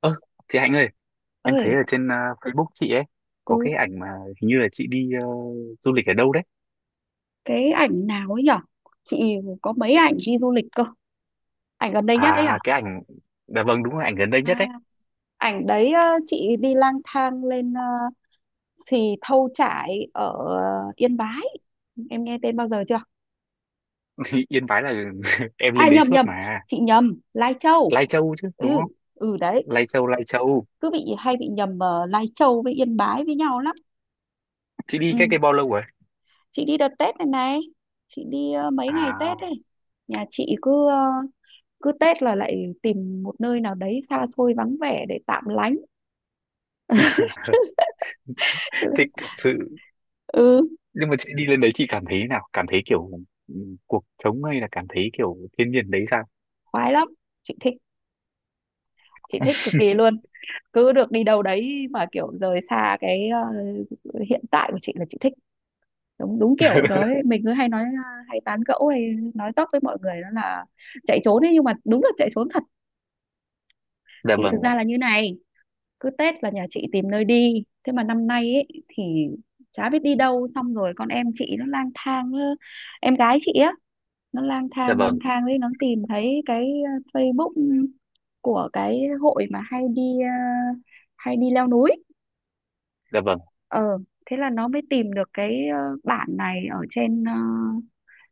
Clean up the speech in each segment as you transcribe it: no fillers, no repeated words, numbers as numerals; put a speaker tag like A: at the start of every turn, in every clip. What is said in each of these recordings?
A: Ơ, chị Hạnh ơi, em thấy
B: Ơi.
A: ở trên Facebook chị ấy có
B: Ừ.
A: cái ảnh mà hình như là chị đi du lịch ở đâu đấy.
B: Cái ảnh nào ấy nhở? Chị có mấy ảnh đi du lịch cơ. Ảnh gần đây nhất ấy à?
A: À, cái ảnh, dạ vâng đúng là ảnh gần đây
B: À,
A: nhất đấy.
B: ảnh đấy, chị đi lang thang lên Xì Thâu Chải ở Yên Bái. Em nghe tên bao giờ chưa?
A: Yên Bái là em
B: À,
A: lên đấy
B: nhầm
A: suốt
B: nhầm,
A: mà.
B: chị nhầm Lai Châu.
A: Lai Châu chứ đúng
B: Ừ.
A: không?
B: Ừ đấy.
A: Lai Châu, Lai Châu.
B: Cứ bị hay bị nhầm Lai Châu với Yên Bái với nhau lắm.
A: Chị đi
B: Ừ,
A: cách đây bao lâu rồi?
B: chị đi đợt Tết này này. Chị đi mấy ngày
A: À,
B: Tết ấy. Nhà chị cứ Tết là lại tìm một nơi nào đấy xa xôi vắng vẻ để tạm lánh.
A: thích thật sự.
B: Ừ,
A: Nhưng mà chị đi lên đấy chị cảm thấy thế nào? Cảm thấy kiểu ừ, cuộc sống hay là cảm thấy kiểu thiên nhiên đấy sao?
B: khoái lắm. chị thích chị thích cực kỳ luôn. Cứ được đi đâu đấy mà kiểu rời xa cái hiện tại của chị là chị thích. Đúng đúng, kiểu nói mình cứ hay nói, hay tán gẫu hay nói dóc với mọi người đó là chạy trốn ấy, nhưng mà đúng là chạy trốn thật.
A: Dạ
B: Thì thực
A: vâng,
B: ra là như này, cứ Tết là nhà chị tìm nơi đi, thế mà năm nay ấy thì chả biết đi đâu. Xong rồi con em chị nó lang thang, em gái chị á. Nó
A: dạ
B: lang
A: vâng,
B: thang đấy, nó tìm thấy cái Facebook của cái hội mà hay đi leo núi.
A: dạ vâng.
B: ờ Thế là nó mới tìm được cái bản này ở trên ờ,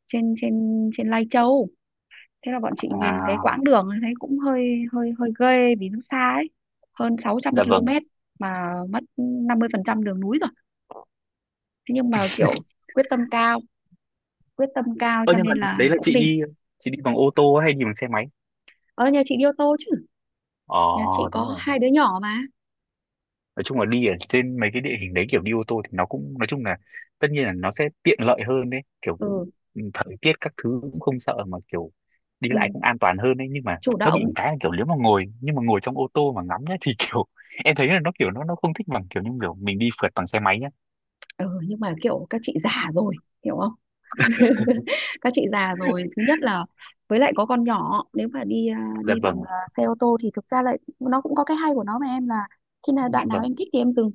B: trên trên trên Lai Châu. Thế là bọn chị nhìn cái
A: À,
B: quãng đường thấy cũng hơi hơi hơi ghê vì nó xa ấy. Hơn
A: dạ
B: 600
A: vâng.
B: km mà mất 50% đường núi rồi. Thế nhưng mà kiểu quyết tâm cao, quyết tâm cao
A: Ơ
B: cho
A: nhưng mà
B: nên là
A: đấy là
B: cũng
A: chị
B: đi.
A: đi chị đi bằng ô tô hay đi bằng xe máy?
B: Ờ Nhà chị đi ô tô chứ. Nhà chị
A: Ờ, đúng
B: có
A: rồi.
B: hai đứa nhỏ mà.
A: Nói chung là đi ở trên mấy cái địa hình đấy kiểu đi ô tô thì nó cũng nói chung là tất nhiên là nó sẽ tiện lợi hơn đấy, kiểu
B: Ừ,
A: ừ, thời tiết các thứ cũng không sợ mà kiểu đi
B: ừ,
A: lại cũng an toàn hơn đấy, nhưng mà
B: chủ
A: nó bị
B: động.
A: một cái là kiểu nếu mà ngồi, nhưng mà ngồi trong ô tô mà ngắm nhá thì kiểu em thấy là nó kiểu nó không thích bằng kiểu như kiểu mình đi phượt bằng xe máy nhá.
B: Ừ, nhưng mà kiểu các chị già rồi. Hiểu không? Các chị già rồi, thứ nhất là với lại có con nhỏ, nếu mà đi à,
A: Dạ
B: đi bằng,
A: vâng,
B: xe ô tô thì thực ra lại nó cũng có cái hay của nó mà em là. Khi nào
A: dạ
B: đoạn nào
A: vâng,
B: em thích thì em dừng,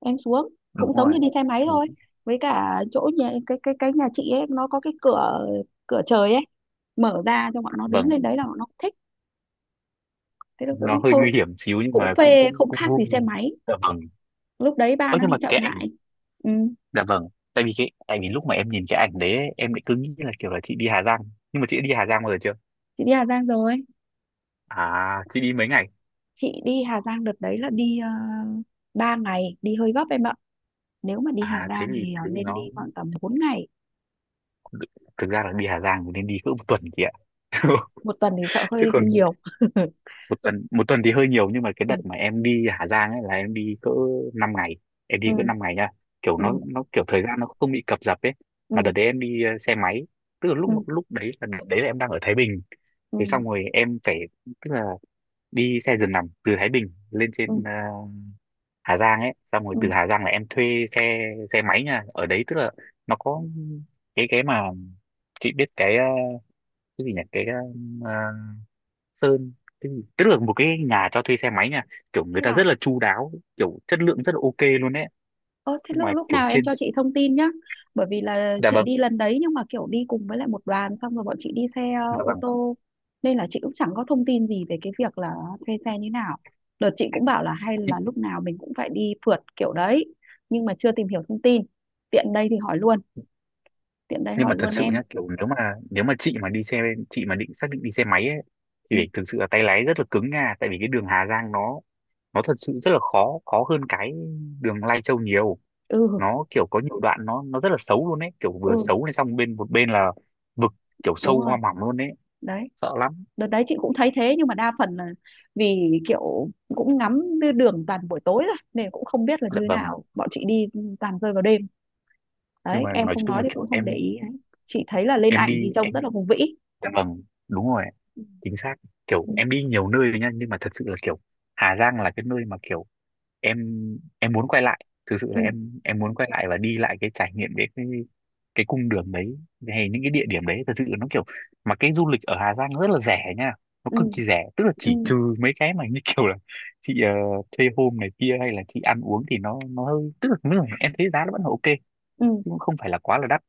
B: em xuống,
A: đúng
B: cũng giống
A: rồi.
B: như đi xe máy thôi.
A: Đúng.
B: Với cả chỗ nhà cái nhà chị ấy nó có cái cửa cửa trời ấy. Mở ra cho bọn nó đứng
A: Vâng,
B: lên, đấy là bọn nó cũng thích. Thế nó
A: nó hơi nguy hiểm xíu nhưng
B: cũng
A: mà cũng
B: phê
A: cũng
B: không
A: cũng
B: khác
A: vui.
B: gì xe máy.
A: Dạ vâng.
B: Lúc đấy ba
A: Ơ
B: nó
A: nhưng
B: đi
A: mà
B: chậm
A: cái
B: lại. Ừ.
A: Dạ vâng, tại vì lúc mà em nhìn cái ảnh đấy ấy, em lại cứ nghĩ là kiểu là chị đi Hà Giang. Nhưng mà chị đã đi Hà Giang bao giờ chưa?
B: Chị đi Hà Giang rồi.
A: À, chị đi mấy ngày?
B: Chị đi Hà Giang đợt đấy là đi, uh, 3 ngày đi hơi gấp em ạ. Nếu mà đi Hà
A: À,
B: Giang thì
A: thế thì
B: nên đi
A: nó
B: khoảng tầm 4 ngày.
A: thực ra là đi Hà Giang thì nên đi cỡ một tuần chị ạ.
B: Một tuần thì sợ
A: Chứ
B: hơi
A: còn
B: hơi nhiều.
A: một tuần thì hơi nhiều, nhưng mà cái
B: Ừ,
A: đợt mà em đi Hà Giang ấy là em đi cỡ 5 ngày. Em đi
B: ừ,
A: cỡ 5 ngày nha. Kiểu
B: ừ,
A: nó kiểu thời gian nó không bị cập dập ấy. Mà
B: ừ,
A: đợt đấy em đi xe máy. Tức là lúc
B: ừ,
A: lúc đấy là đợt đấy là em đang ở Thái Bình. Thế xong
B: ừ,
A: rồi em phải, tức là đi xe giường nằm từ Thái Bình lên trên
B: ừ,
A: Hà Giang ấy, xong rồi
B: ừ.
A: từ Hà Giang là em thuê xe xe máy nha, ở đấy tức là nó có cái mà chị biết cái cái gì nhỉ, cái ờ, sơn cái gì? Tức là một cái nhà cho thuê xe máy nha, kiểu
B: Thế
A: người ta rất
B: là.
A: là chu đáo, kiểu chất lượng rất là OK luôn đấy,
B: Ơ thế
A: nhưng
B: lúc
A: mà
B: lúc
A: kiểu
B: nào em
A: trên,
B: cho chị thông tin nhá. Bởi vì là
A: dạ
B: chị
A: vâng,
B: đi lần đấy nhưng mà kiểu đi cùng với lại một đoàn, xong rồi bọn chị đi xe,
A: dạ
B: ô
A: vâng,
B: tô, nên là chị cũng chẳng có thông tin gì về cái việc là thuê xe như nào. Đợt chị cũng bảo là hay là lúc nào mình cũng phải đi phượt kiểu đấy nhưng mà chưa tìm hiểu thông tin. Tiện đây thì hỏi luôn, tiện đây
A: nhưng
B: hỏi
A: mà thật
B: luôn
A: sự
B: em.
A: nhá, kiểu nếu mà, nếu mà chị mà đi xe chị mà định xác định đi xe máy ấy thì
B: Ừ.
A: phải thực sự là tay lái rất là cứng nha, tại vì cái đường Hà Giang nó thật sự rất là khó, khó hơn cái đường Lai Châu nhiều,
B: Ừ,
A: nó kiểu có nhiều đoạn nó rất là xấu luôn ấy, kiểu vừa
B: ừ
A: xấu này xong bên một bên là vực, kiểu
B: đúng
A: sâu
B: rồi.
A: hoa mỏng luôn ấy,
B: Đấy.
A: sợ lắm.
B: Đợt đấy chị cũng thấy thế, nhưng mà đa phần là vì kiểu cũng ngắm đường toàn buổi tối rồi nên cũng không biết là như
A: Dạ vâng,
B: nào. Bọn chị đi toàn rơi vào đêm,
A: nhưng
B: đấy
A: mà
B: em
A: nói
B: không
A: chung
B: nói
A: là
B: thì cũng
A: kiểu
B: không để
A: em
B: ý đấy. Chị thấy là lên
A: em
B: ảnh thì
A: đi
B: trông rất
A: em
B: là hùng vĩ.
A: dạ vâng, đúng rồi, chính xác, kiểu
B: Ừ,
A: em đi nhiều nơi rồi nha, nhưng mà thật sự là kiểu Hà Giang là cái nơi mà kiểu em em muốn quay lại, thực sự là
B: ừ,
A: em muốn quay lại và đi lại cái trải nghiệm đấy, cái cung đường đấy hay những cái địa điểm đấy, thật sự là nó kiểu, mà cái du lịch ở Hà Giang rất là rẻ nha, nó
B: ừ,
A: cực kỳ rẻ, tức là
B: ừ,
A: chỉ trừ mấy cái mà như kiểu là chị thuê hôm này kia hay là chị ăn uống thì nó hơi, tức là nếu mà em thấy giá nó vẫn là OK, chứ
B: ừ.
A: cũng không phải là quá là đắt.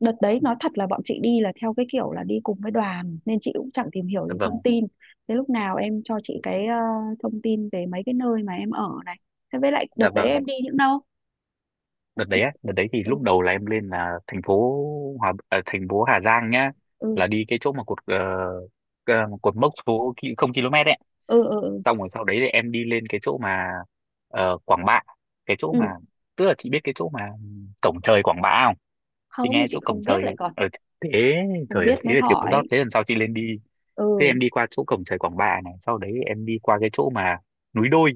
B: Đợt đấy nói thật là bọn chị đi là theo cái kiểu là đi cùng với đoàn nên chị cũng chẳng tìm hiểu
A: Dạ
B: gì
A: vâng,
B: thông tin. Thế lúc nào em cho chị cái, thông tin về mấy cái nơi mà em ở này. Thế với lại đợt
A: dạ
B: đấy
A: vâng.
B: em đi những đâu?
A: Đợt đấy á, đợt đấy thì
B: Ừ,
A: lúc đầu là em lên là thành phố thành phố Hà Giang nhá,
B: ừ,
A: là đi cái chỗ mà cột cột mốc số ki- không km ấy,
B: ừ, ừ, ừ,
A: xong rồi sau đấy thì em đi lên cái chỗ mà Quảng Bạ, cái chỗ
B: ừ.
A: mà, tức là chị biết cái chỗ mà cổng trời Quảng Bạ không? Chị
B: Không,
A: nghe
B: chị
A: chỗ cổng
B: không biết
A: trời
B: lại còn.
A: ở thế,
B: Không
A: trời ơi,
B: biết
A: thế
B: mới
A: là thiếu sót,
B: hỏi.
A: thế lần sau chị lên đi. Thế
B: Ừ,
A: em đi qua chỗ cổng trời Quảng Bạ này sau đấy em đi qua cái chỗ mà núi đôi,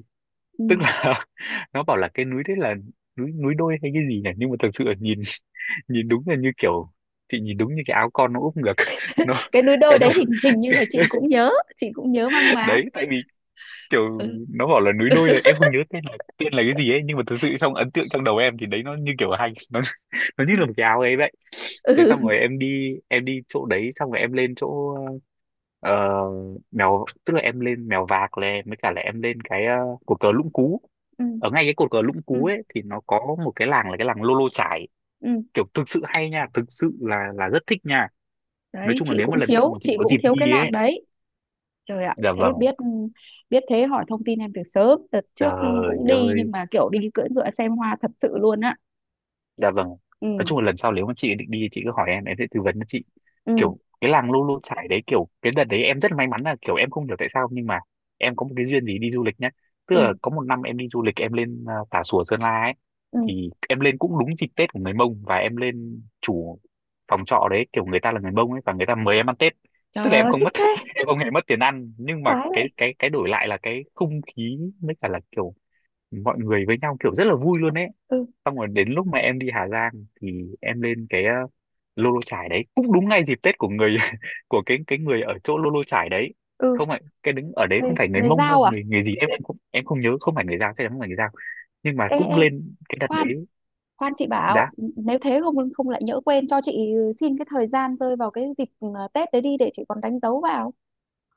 A: tức
B: ừ.
A: là nó bảo là cái núi đấy là núi núi đôi hay cái gì này, nhưng mà thực sự là nhìn nhìn đúng là như kiểu chị nhìn đúng như cái áo con nó úp ngược, nó
B: Cái núi
A: cái
B: đôi
A: nó-
B: đấy hình hình như là chị cũng nhớ. Chị cũng nhớ mang máng.
A: đấy, tại vì kiểu
B: Ừ.
A: nó bảo là núi đôi là em không nhớ tên là cái gì ấy, nhưng mà thực sự trong ấn tượng trong đầu em thì đấy nó như kiểu hành nó nó như là một cái áo ấy vậy. Thế xong rồi em đi chỗ đấy xong rồi em lên chỗ ờ, mèo, tức là em lên mèo vạc này, mới cả là em lên cái cột cờ Lũng Cú.
B: Ừ.
A: Ở ngay cái cột cờ Lũng
B: Ừ,
A: Cú ấy thì nó có một cái làng là cái làng Lô Lô Chải,
B: ừ
A: kiểu thực sự hay nha, thực sự là rất thích nha. Nói
B: đấy,
A: chung là
B: chị
A: nếu mà
B: cũng
A: lần sau
B: thiếu,
A: mà chị
B: chị
A: có
B: cũng
A: dịp
B: thiếu cái
A: đi
B: lạc
A: ấy,
B: đấy. Trời ạ,
A: dạ
B: thế
A: vâng,
B: biết biết thế hỏi thông tin em từ sớm đợt trước cũng
A: trời
B: đi, nhưng
A: ơi,
B: mà kiểu đi cưỡi ngựa xem hoa thật sự luôn á.
A: dạ vâng. Nói
B: Ừ,
A: chung là lần sau nếu mà chị định đi chị cứ hỏi em sẽ tư vấn cho chị.
B: ừ,
A: Kiểu cái làng Lu Lu Chải đấy, kiểu cái đợt đấy em rất may mắn là kiểu em không hiểu tại sao nhưng mà em có một cái duyên gì đi du lịch nhá. Tức
B: ừ,
A: là có một năm em đi du lịch em lên à, Tà Xùa Sơn La ấy,
B: ừ.
A: thì em lên cũng đúng dịp Tết của người Mông và em lên chủ phòng trọ đấy kiểu người ta là người Mông ấy và người ta mời em ăn Tết.
B: Trời
A: Tức là em
B: ơi,
A: không
B: thích
A: mất
B: thế.
A: em không hề mất tiền ăn, nhưng mà
B: Khoái
A: cái
B: vậy.
A: cái đổi lại là cái không khí với cả là kiểu mọi người với nhau kiểu rất là vui luôn ấy.
B: Ừ,
A: Xong rồi đến lúc mà em đi Hà Giang thì em lên cái Lô Lô Chải đấy cũng đúng ngay dịp Tết của người của cái người ở chỗ Lô Lô Chải đấy,
B: ừ,
A: không phải cái đứng ở đấy không
B: người
A: phải người
B: người
A: Mông đâu,
B: giao à?
A: người người gì em cũng em không nhớ, không phải người Dao, chắc chắn không phải người Dao nhưng mà
B: Ê,
A: cũng
B: ê,
A: lên cái đợt
B: khoan,
A: đấy.
B: khoan, chị bảo,
A: Giá
B: nếu thế không, không lại nhỡ quên cho chị. Xin cái thời gian rơi vào cái dịp, Tết đấy đi để chị còn đánh dấu vào.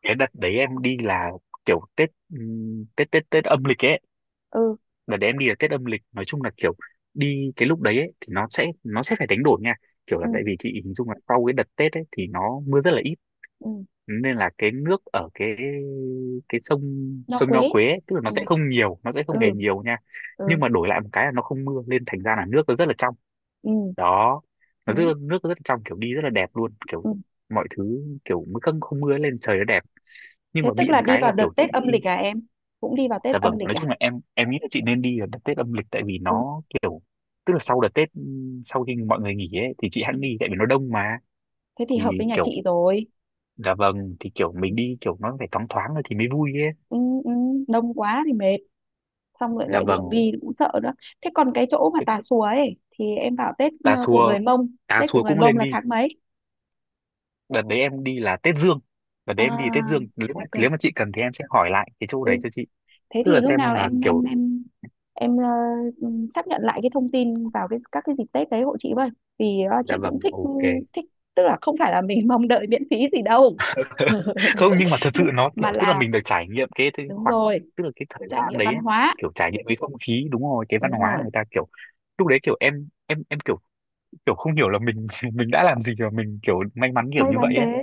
A: cái đợt đấy em đi là kiểu Tết Tết âm lịch ấy,
B: Ừ,
A: đợt đấy em đi là Tết âm lịch, nói chung là kiểu đi cái lúc đấy ấy, thì nó sẽ phải đánh đổi nha, kiểu
B: ừ,
A: là tại vì chị hình dung là sau cái đợt Tết ấy thì nó mưa rất là ít,
B: ừ.
A: nên là cái nước ở cái sông
B: Nho
A: sông
B: Quế.
A: Nho Quế ấy, tức là nó
B: Ừ,
A: sẽ không nhiều, nó sẽ không hề
B: ừ,
A: nhiều nha, nhưng
B: ừ,
A: mà đổi lại một cái là nó không mưa nên thành ra là nước nó rất là trong,
B: ừ
A: đó, nó rất
B: đấy.
A: nước, nó rất là trong, kiểu đi rất là đẹp luôn, kiểu
B: Ừ.
A: mọi thứ kiểu mới, không không mưa lên trời nó đẹp, nhưng
B: Thế
A: mà
B: tức
A: bị
B: là
A: một
B: đi
A: cái là
B: vào đợt
A: kiểu chị,
B: Tết âm lịch à em? Cũng đi vào Tết
A: dạ
B: âm
A: vâng,
B: lịch
A: nói
B: à?
A: chung là em nghĩ là chị nên đi ở đợt Tết âm lịch tại vì
B: Ừ,
A: nó kiểu, tức là sau đợt Tết sau khi mọi người nghỉ ấy thì chị hẵng đi tại vì nó đông mà,
B: thế thì hợp
A: thì
B: với nhà
A: kiểu,
B: chị rồi.
A: dạ vâng, thì kiểu mình đi kiểu nó phải thoáng thoáng rồi thì mới vui ấy.
B: Ừ, ừ, đông quá thì mệt, xong rồi
A: Dạ
B: lại đường
A: vâng,
B: đi cũng sợ nữa. Thế còn cái chỗ mà Tà Xùa ấy thì em bảo Tết,
A: Tà
B: của
A: Xùa,
B: người Mông.
A: Tà
B: Tết của
A: Xùa
B: người
A: cũng
B: Mông
A: lên
B: là
A: đi.
B: tháng mấy?
A: Đợt đấy em đi là Tết Dương. Đợt đấy em đi Tết
B: À,
A: Dương.
B: ok.
A: Nếu mà chị cần thì em sẽ hỏi lại cái chỗ đấy
B: Ừ,
A: cho chị.
B: thế
A: Tức
B: thì
A: là
B: lúc
A: xem
B: nào
A: là
B: em em
A: kiểu,
B: em em ừ, xác nhận lại cái thông tin vào cái dịp Tết đấy hộ chị với. Vì
A: dạ
B: chị cũng
A: vâng,
B: thích.
A: OK.
B: Thích, tức là không phải là mình mong đợi miễn phí gì đâu.
A: Không, nhưng mà thật sự nó
B: Mà
A: kiểu, tức là
B: là
A: mình được trải nghiệm cái
B: đúng
A: khoảng,
B: rồi,
A: tức là cái thời
B: trải
A: gian
B: nghiệm
A: đấy
B: văn
A: ấy,
B: hóa,
A: kiểu trải nghiệm cái không khí, đúng rồi, cái văn
B: đúng
A: hóa
B: rồi,
A: người ta kiểu, lúc đấy kiểu em kiểu, kiểu không hiểu là mình, mình đã làm gì mà mình kiểu may mắn kiểu
B: may
A: như vậy
B: mắn
A: ấy.
B: thế.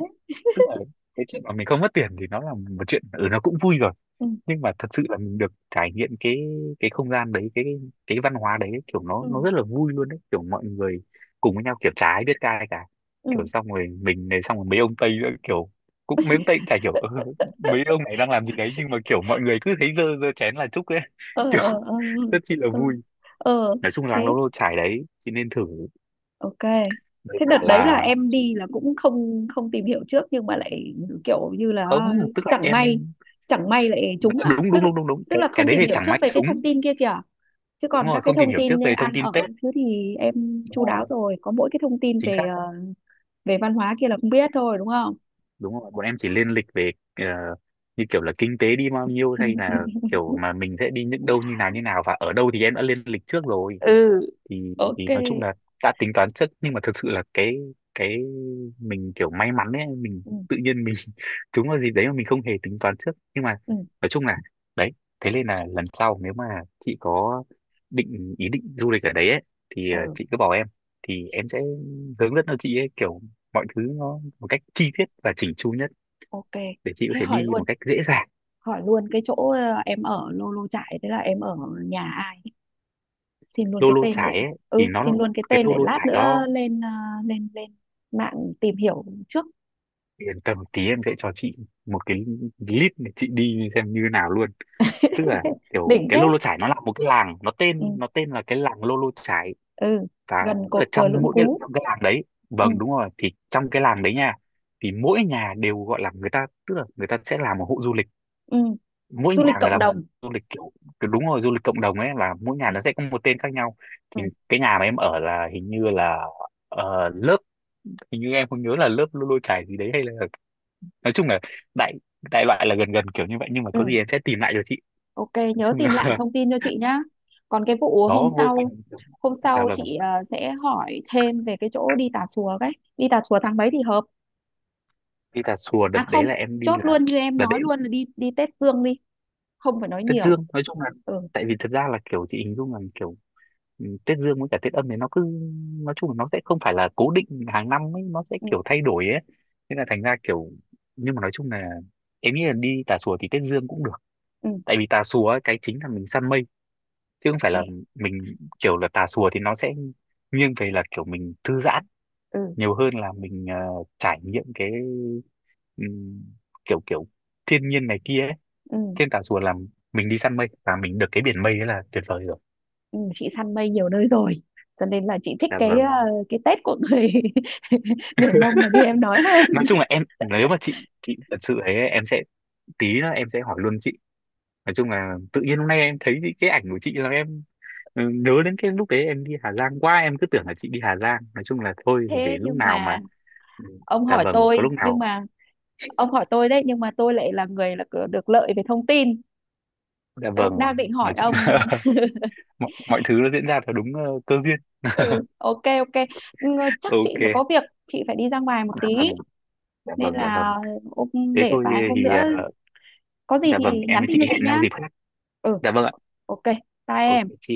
A: Tức là cái chuyện mà mình không mất tiền thì nó là một chuyện, ừ, nó cũng vui rồi.
B: Ừ,
A: Nhưng mà thật sự là mình được trải nghiệm cái không gian đấy, cái văn hóa đấy kiểu nó
B: ừ,
A: nó rất là vui luôn đấy, kiểu mọi người cùng với nhau, kiểu chả ai biết ca ai cả,
B: ừ,
A: kiểu xong rồi mình này, xong rồi mấy ông Tây nữa, kiểu cũng mấy ông Tây cũng chả hiểu "Ơ, mấy ông này đang làm gì đấy", nhưng mà kiểu mọi người cứ thấy dơ dơ chén là chúc ấy,
B: ờ,
A: kiểu
B: ờ, ờ,
A: rất chi là
B: ờ,
A: vui.
B: ờ,
A: Nói chung là
B: thế
A: lâu lâu trải đấy, chị nên thử.
B: ok.
A: Với
B: Thế
A: cả
B: đợt đấy là
A: là
B: em
A: chị
B: đi là cũng không, không tìm hiểu trước nhưng mà lại kiểu như
A: không,
B: là
A: tức là
B: chẳng may,
A: em
B: chẳng may lại trúng à,
A: đúng đúng
B: tức.
A: đúng đúng đúng,
B: Tức là
A: cái
B: không
A: đấy
B: tìm
A: thì
B: hiểu
A: chẳng
B: trước
A: may
B: về cái
A: chúng,
B: thông tin kia kìa, chứ
A: đúng
B: còn các
A: rồi,
B: cái
A: không tìm
B: thông
A: hiểu
B: tin
A: trước
B: như
A: về thông
B: ăn
A: tin Tết.
B: ở thứ thì em
A: Đúng
B: chu đáo
A: rồi,
B: rồi, có mỗi cái thông tin
A: chính
B: về
A: xác.
B: ờ, về văn hóa kia là không biết thôi, đúng không?
A: Đúng rồi, bọn em chỉ lên lịch về như kiểu là kinh tế đi bao nhiêu, hay là kiểu mà mình sẽ đi những đâu như nào và ở đâu, thì em đã lên lịch trước rồi.
B: Ừ,
A: thì
B: ok.
A: thì nói chung là đã tính toán trước, nhưng mà thực sự là cái mình kiểu may mắn ấy, mình
B: Ừ,
A: tự nhiên mình trúng vào dịp đấy mà mình không hề tính toán trước. Nhưng mà
B: ừ,
A: nói chung là đấy, thế nên là lần sau nếu mà chị có định, ý định du lịch ở đấy ấy, thì
B: ừ.
A: chị cứ bảo em thì em sẽ hướng dẫn cho chị ấy, kiểu mọi thứ nó một cách chi tiết và chỉnh chu nhất
B: Ok,
A: để chị có
B: thế
A: thể đi một cách dễ dàng.
B: hỏi luôn cái chỗ, em ở Lô Lô Chải. Thế là em ở nhà ai? Xin luôn
A: Lô
B: cái
A: Lô
B: tên để.
A: Chải ấy, thì
B: Ừ,
A: nó,
B: xin luôn cái
A: cái
B: tên
A: Lô
B: để
A: Lô
B: lát
A: Chải nó,
B: nữa lên ờ, lên lên mạng tìm hiểu trước.
A: yên tâm, tí em sẽ cho chị một cái list để chị đi xem như nào luôn. Tức là kiểu
B: Đỉnh
A: cái
B: thế.
A: Lô Lô Chải nó là một cái làng, nó
B: Ừ,
A: tên, nó tên là cái làng Lô Lô Chải.
B: ừ,
A: Và
B: gần
A: tức
B: cột
A: là
B: cờ
A: trong
B: Lũng
A: mỗi cái,
B: Cú.
A: trong cái làng đấy,
B: Ừ,
A: vâng đúng rồi, thì trong cái làng đấy nha, thì mỗi nhà đều gọi là người ta, tức là người ta sẽ làm một hộ du lịch,
B: ừ,
A: mỗi
B: du
A: nhà
B: lịch
A: người
B: cộng
A: làm
B: đồng.
A: du lịch kiểu, đúng rồi, du lịch cộng đồng ấy, là mỗi nhà nó sẽ có một tên khác nhau.
B: Ừ,
A: Thì cái nhà mà em ở là hình như là lớp, hình như em không nhớ là lớp Lô Lô Chải gì đấy, hay là nói chung là đại, đại loại là gần gần kiểu như vậy, nhưng mà
B: ừ,
A: có gì em sẽ tìm lại cho chị.
B: ok,
A: Nói
B: nhớ
A: chung là
B: tìm lại thông tin cho chị nhá. Còn cái vụ
A: đó, vô tình.
B: hôm
A: Dạ
B: sau
A: vâng,
B: chị sẽ hỏi thêm về cái chỗ đi Tà Xùa cái. Đi Tà Xùa tháng mấy thì hợp?
A: đi Tà Xùa đợt
B: À không,
A: đấy là em đi
B: chốt
A: là
B: luôn như em
A: đợt
B: nói
A: đấy
B: luôn là đi đi Tết Dương đi, không phải nói
A: Tết
B: nhiều.
A: Dương. Nói chung là
B: Ừ,
A: tại vì thật ra là kiểu chị hình dung là kiểu, ừ, Tết Dương với cả Tết Âm thì nó cứ, nói chung là nó sẽ không phải là cố định hàng năm ấy, nó sẽ
B: ừ,
A: kiểu thay đổi ấy, nên là thành ra kiểu, nhưng mà nói chung là em nghĩ là đi Tà Xùa thì Tết Dương cũng được.
B: ừ,
A: Tại vì Tà Xùa ấy, cái chính là mình săn mây, chứ không phải
B: ê,
A: là mình kiểu là Tà Xùa thì nó sẽ nghiêng về là kiểu mình thư giãn
B: ừ,
A: nhiều hơn là mình trải nghiệm cái ừm, kiểu kiểu thiên nhiên này kia ấy.
B: ừ,
A: Trên Tà Rùa là mình đi săn mây và mình được cái biển mây đấy là tuyệt vời rồi.
B: ừ, chị săn mây nhiều nơi rồi, cho nên là chị thích
A: Dạ
B: cái ờ,
A: vâng.
B: cái Tết của người người Mông mà như em nói hơn.
A: Nói chung là em, nếu mà chị thật sự ấy, em sẽ, tí nữa em sẽ hỏi luôn chị. Nói chung là tự nhiên hôm nay em thấy cái ảnh của chị là em, ừ, nhớ đến cái lúc đấy em đi Hà Giang quá, em cứ tưởng là chị đi Hà Giang. Nói chung là thôi thì để
B: Thế
A: lúc
B: nhưng
A: nào mà,
B: mà
A: ừ,
B: ông
A: dạ
B: hỏi
A: vâng, có
B: tôi,
A: lúc
B: nhưng
A: nào.
B: mà ông hỏi tôi đấy, nhưng mà tôi lại là người là được lợi về thông tin.
A: Dạ
B: Tôi
A: vâng,
B: cũng đang định hỏi
A: nói chung
B: ông.
A: là mọi thứ nó diễn ra theo đúng cơ duyên.
B: Ừ, ok ok. Chắc chị
A: Ok.
B: phải có việc, chị phải đi ra ngoài một
A: Dạ
B: tí.
A: vâng. Dạ
B: Nên
A: vâng, dạ vâng.
B: là ông,
A: Thế
B: để
A: thôi
B: vài hôm
A: thì
B: nữa
A: ờ,
B: có gì
A: dạ
B: thì
A: vâng, em
B: nhắn
A: với
B: tin
A: chị
B: cho chị
A: hẹn
B: nhá.
A: nhau dịp khác.
B: Ừ,
A: Dạ vâng ạ.
B: ok, bye
A: Ok
B: em.
A: chị.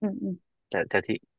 B: Ừ. Ừ.
A: Dạ chào chị.